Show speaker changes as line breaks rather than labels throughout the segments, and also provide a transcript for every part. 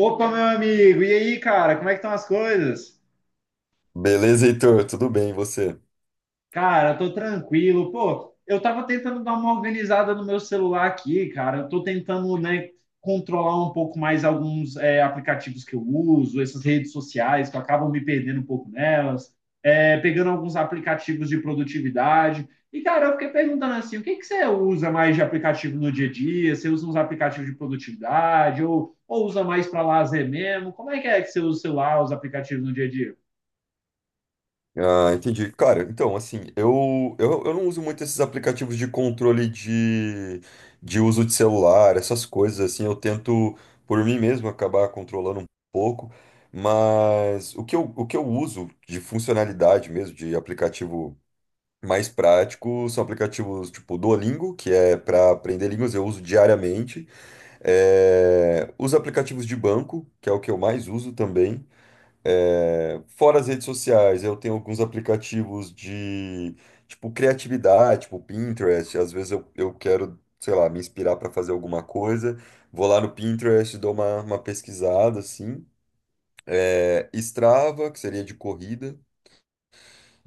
Opa, meu amigo, e aí, cara, como é que estão as coisas?
Beleza, Heitor? Tudo bem, e você?
Cara, eu tô tranquilo. Pô, eu tava tentando dar uma organizada no meu celular aqui, cara. Eu tô tentando, né, controlar um pouco mais alguns aplicativos que eu uso, essas redes sociais, que eu acabo me perdendo um pouco nelas, pegando alguns aplicativos de produtividade. E, cara, eu fiquei perguntando assim, o que você usa mais de aplicativo no dia a dia? Você usa uns aplicativos de produtividade ou usa mais para lazer mesmo? Como é que você usa o celular, os aplicativos no dia a dia?
Ah, entendi. Cara, então, assim, eu não uso muito esses aplicativos de controle de uso de celular, essas coisas, assim, eu tento, por mim mesmo, acabar controlando um pouco, mas o que eu uso de funcionalidade mesmo, de aplicativo mais prático, são aplicativos tipo Duolingo, que é para aprender línguas, eu uso diariamente, os aplicativos de banco, que é o que eu mais uso também. É, fora as redes sociais, eu tenho alguns aplicativos de, tipo, criatividade, tipo Pinterest. Às vezes eu quero, sei lá, me inspirar para fazer alguma coisa. Vou lá no Pinterest, dou uma pesquisada, assim. É, Strava, que seria de corrida.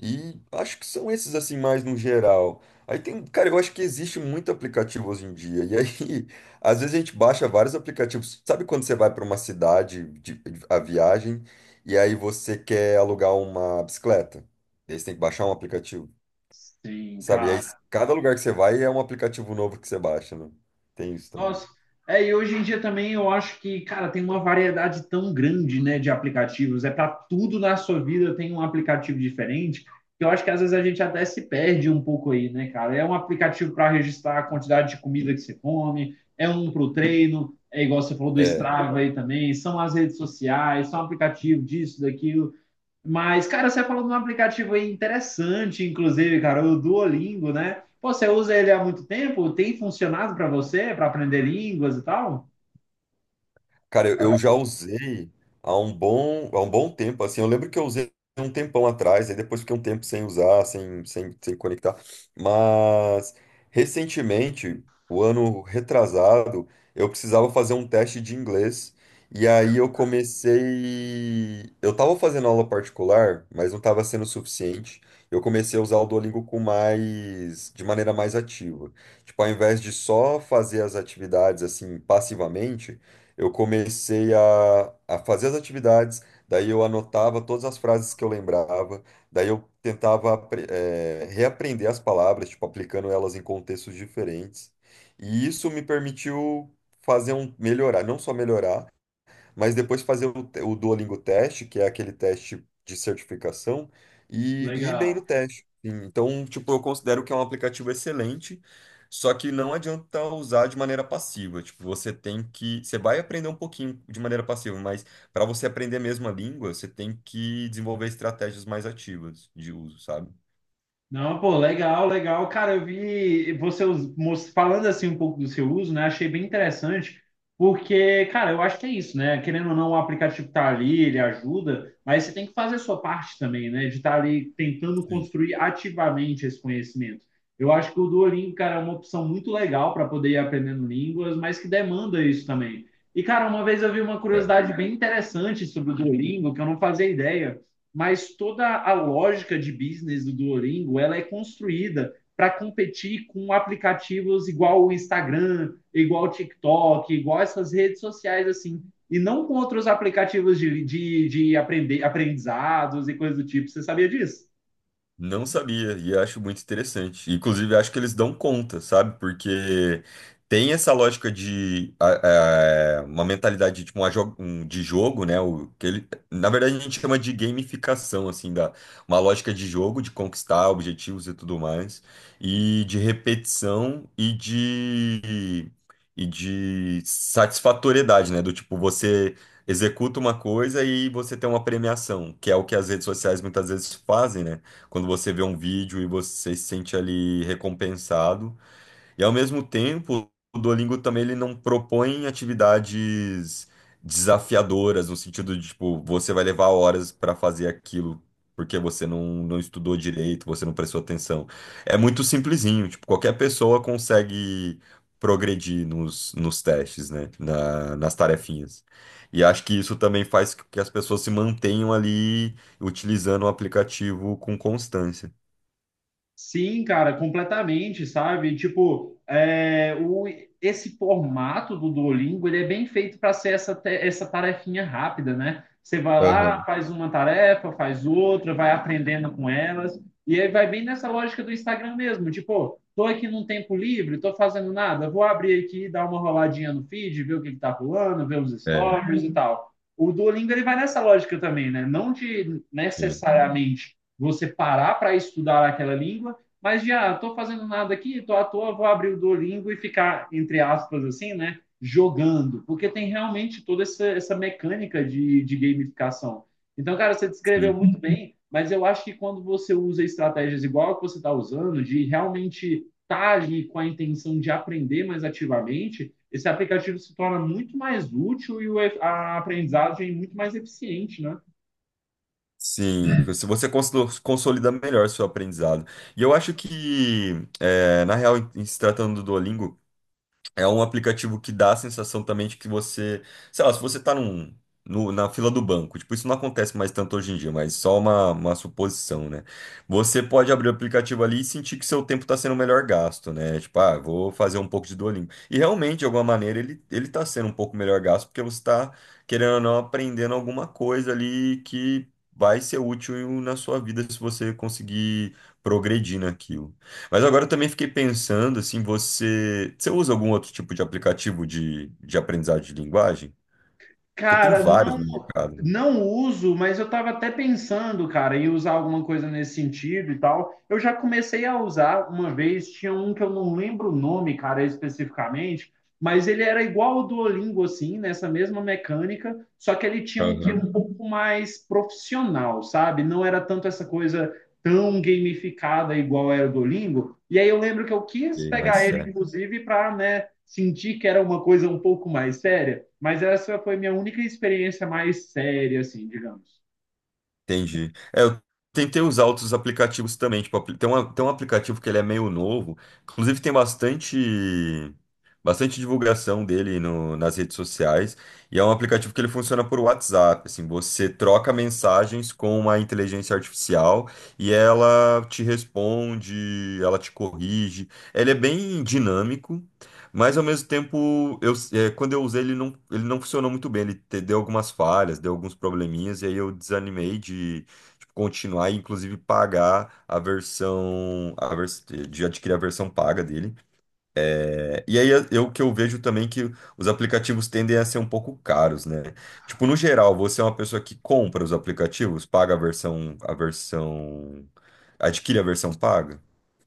E acho que são esses assim mais no geral. Aí tem, cara, eu acho que existe muito aplicativo hoje em dia. E aí, às vezes a gente baixa vários aplicativos. Sabe quando você vai para uma a viagem e aí você quer alugar uma bicicleta? E aí você tem que baixar um aplicativo.
Sim,
Sabe? E aí
cara.
cada lugar que você vai é um aplicativo novo que você baixa, né? Tem isso também.
Nossa, é, e hoje em dia também eu acho que, cara, tem uma variedade tão grande, né, de aplicativos. É para tudo na sua vida tem um aplicativo diferente. Que Eu acho que às vezes a gente até se perde um pouco aí, né, cara? É um aplicativo para registrar a quantidade de comida que você come, é um para o treino, é igual você falou do
É.
Strava aí também, são as redes sociais, são aplicativo disso, daquilo. Mas, cara, você falou de um aplicativo aí interessante, inclusive, cara, o Duolingo, né? Pô, você usa ele há muito tempo? Tem funcionado para você, para aprender línguas e tal?
Cara, eu já usei há um bom tempo, assim, eu lembro que eu usei um tempão atrás, aí depois fiquei um tempo sem usar, sem conectar, mas recentemente, o ano retrasado, eu precisava fazer um teste de inglês, e aí eu comecei, eu tava fazendo aula particular, mas não tava sendo suficiente, eu comecei a usar o Duolingo com mais, de maneira mais ativa, tipo, ao invés de só fazer as atividades, assim, passivamente, eu comecei a fazer as atividades, daí eu anotava todas as frases que eu lembrava, daí eu tentava reaprender as palavras, tipo, aplicando elas em contextos diferentes. E isso me permitiu não só melhorar, mas depois fazer o Duolingo teste, que é aquele teste de certificação, e, ir bem
Legal.
no teste. Sim. Então, tipo, eu considero que é um aplicativo excelente, só que não adianta usar de maneira passiva. Tipo, você vai aprender um pouquinho de maneira passiva, mas para você aprender mesmo a língua, você tem que desenvolver estratégias mais ativas de uso, sabe?
Não, pô, legal, legal. Cara, eu vi você falando assim um pouco do seu uso, né? Achei bem interessante, porque, cara, eu acho que é isso, né? Querendo ou não, o aplicativo tá ali, ele ajuda, mas você tem que fazer a sua parte também, né? De estar ali tentando
Sim.
construir ativamente esse conhecimento. Eu acho que o Duolingo, cara, é uma opção muito legal para poder ir aprendendo línguas, mas que demanda isso também. E, cara, uma vez eu vi uma curiosidade bem interessante sobre o Duolingo, que eu não fazia ideia, mas toda a lógica de business do Duolingo ela é construída para competir com aplicativos igual o Instagram, igual o TikTok, igual essas redes sociais assim, e não com outros aplicativos de aprender, aprendizados e coisas do tipo. Você sabia disso?
Não sabia, e acho muito interessante. Inclusive, acho que eles dão conta, sabe? Porque tem essa lógica de uma mentalidade tipo, de jogo, né? Que ele, na verdade, a gente chama de gamificação, assim, da, uma lógica de jogo, de conquistar objetivos e tudo mais, e de repetição e de satisfatoriedade, né? Do tipo, você executa uma coisa e você tem uma premiação, que é o que as redes sociais muitas vezes fazem, né? Quando você vê um vídeo e você se sente ali recompensado. E ao mesmo tempo, o Duolingo também ele não propõe atividades desafiadoras, no sentido de, tipo, você vai levar horas para fazer aquilo porque você não, não estudou direito, você não prestou atenção. É muito simplesinho, tipo, qualquer pessoa consegue progredir nos testes, né? Nas tarefinhas. E acho que isso também faz com que as pessoas se mantenham ali utilizando o aplicativo com constância.
Sim, cara, completamente, sabe? Tipo, esse formato do Duolingo, ele é bem feito para ser essa tarefinha rápida, né? Você vai lá,
Aham.
faz uma tarefa, faz outra, vai aprendendo com elas, e aí vai bem nessa lógica do Instagram mesmo, tipo, tô aqui num tempo livre, tô fazendo nada, vou abrir aqui, dar uma roladinha no feed, ver o que tá rolando, ver os
É,
stories e tal. O Duolingo, ele vai nessa lógica também, né? Não de
sim.
necessariamente você parar para estudar aquela língua, mas já estou fazendo nada aqui, estou à toa, vou abrir o Duolingo e ficar, entre aspas, assim, né? Jogando, porque tem realmente toda essa mecânica de gamificação. Então, cara, você descreveu
Sim.
muito bem, mas eu acho que quando você usa estratégias igual a que você está usando, de realmente estar ali com a intenção de aprender mais ativamente, esse aplicativo se torna muito mais útil e a aprendizagem é muito mais eficiente, né?
Sim, se você consolida melhor seu aprendizado. E eu acho que, é, na real, em se tratando do Duolingo, é um aplicativo que dá a sensação também de que você, sei lá, se você tá num, no- na fila do banco, tipo, isso não acontece mais tanto hoje em dia, mas só uma suposição, né? Você pode abrir o aplicativo ali e sentir que seu tempo tá sendo melhor gasto, né? Tipo, ah, vou fazer um pouco de Duolingo. E realmente, de alguma maneira, ele tá sendo um pouco melhor gasto, porque você tá, querendo ou não, aprendendo alguma coisa ali que vai ser útil na sua vida se você conseguir progredir naquilo. Mas agora eu também fiquei pensando, assim, você usa algum outro tipo de aplicativo de aprendizagem de linguagem? Porque tem
Cara,
vários
não,
no mercado, né?
não uso, mas eu estava até pensando, cara, em usar alguma coisa nesse sentido e tal. Eu já comecei a usar uma vez, tinha um que eu não lembro o nome, cara, especificamente, mas ele era igual ao Duolingo, assim, nessa mesma mecânica, só que ele tinha um que
Aham.
um pouco mais profissional, sabe? Não era tanto essa coisa tão gamificada igual era o Duolingo. E aí eu lembro que eu quis
E
pegar
mais
ele, inclusive, para, né? Senti que era uma coisa um pouco mais séria, mas essa foi minha única experiência mais séria, assim, digamos.
Entendi. É, eu tentei usar outros aplicativos também. Tipo, tem um aplicativo que ele é meio novo. Inclusive tem bastante divulgação dele nas redes sociais. E é um aplicativo que ele funciona por WhatsApp. Assim, você troca mensagens com uma inteligência artificial e ela te responde, ela te corrige. Ele é bem dinâmico. Mas ao mesmo tempo, eu, é, quando eu usei ele não funcionou muito bem. Deu algumas falhas, deu alguns probleminhas, e aí eu desanimei de tipo, continuar e inclusive pagar a versão, a vers de adquirir a versão paga dele. É, e aí eu que eu vejo também é que os aplicativos tendem a ser um pouco caros, né? Tipo, no geral, você é uma pessoa que compra os aplicativos, paga adquire a versão paga?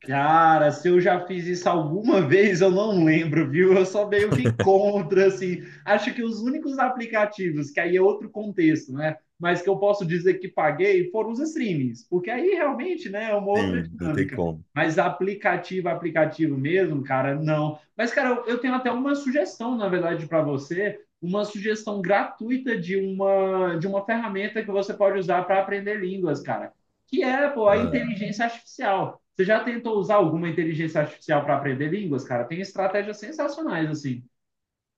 Cara, se eu já fiz isso alguma vez, eu não lembro, viu? Eu sou meio que contra, assim. Acho que os únicos aplicativos, que aí é outro contexto, né? Mas que eu posso dizer que paguei foram os streamings, porque aí realmente, né, é uma outra
Sim, não tem
dinâmica.
como.
Mas aplicativo, aplicativo mesmo, cara, não. Mas, cara, eu tenho até uma sugestão, na verdade, para você, uma sugestão gratuita de uma ferramenta que você pode usar para aprender línguas, cara, que é pô, a
Ah.
inteligência artificial. Você já tentou usar alguma inteligência artificial para aprender línguas, cara? Tem estratégias sensacionais, assim.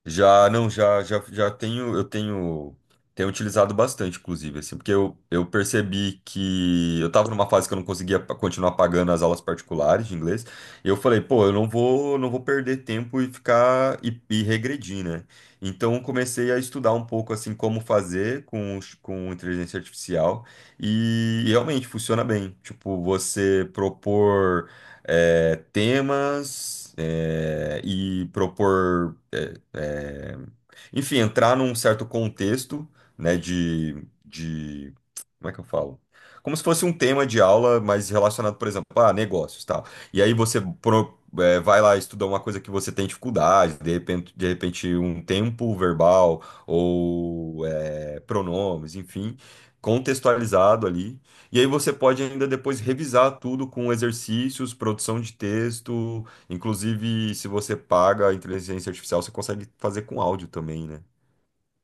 Já, não, já tenho, tenho utilizado bastante, inclusive, assim, porque eu percebi que eu tava numa fase que eu não conseguia continuar pagando as aulas particulares de inglês, e eu falei, pô, eu não vou, não vou perder tempo e ficar, e regredir, né? Então, eu comecei a estudar um pouco, assim, como fazer com, com inteligência artificial, e realmente funciona bem, tipo, você propor, temas, enfim, entrar num certo contexto, né, de, como é que eu falo? Como se fosse um tema de aula, mas relacionado, por exemplo, a negócios, tal. E aí você vai lá estudar uma coisa que você tem dificuldade, de repente um tempo verbal ou pronomes, enfim, contextualizado ali. E aí você pode ainda depois revisar tudo com exercícios, produção de texto. Inclusive, se você paga a inteligência artificial, você consegue fazer com áudio também, né?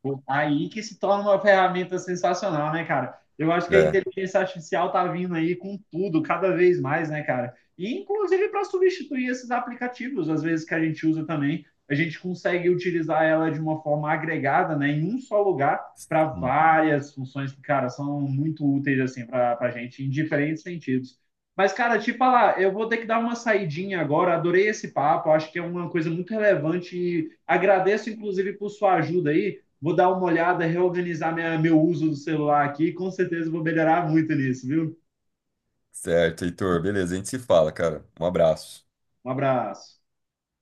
Pô, tá. Aí que se torna uma ferramenta sensacional, né, cara? Eu acho que a
É.
inteligência artificial tá vindo aí com tudo, cada vez mais, né, cara? E inclusive para substituir esses aplicativos, às vezes que a gente usa também, a gente consegue utilizar ela de uma forma agregada, né, em um só lugar para
Sim.
várias funções que, cara, são muito úteis assim para a gente em diferentes sentidos. Mas, cara, te falar, eu vou ter que dar uma saidinha agora. Adorei esse papo, acho que é uma coisa muito relevante e agradeço, inclusive, por sua ajuda aí. Vou dar uma olhada, reorganizar minha, meu uso do celular aqui, com certeza vou melhorar muito nisso, viu?
Certo, Heitor. Beleza, a gente se fala, cara. Um abraço.
Um abraço.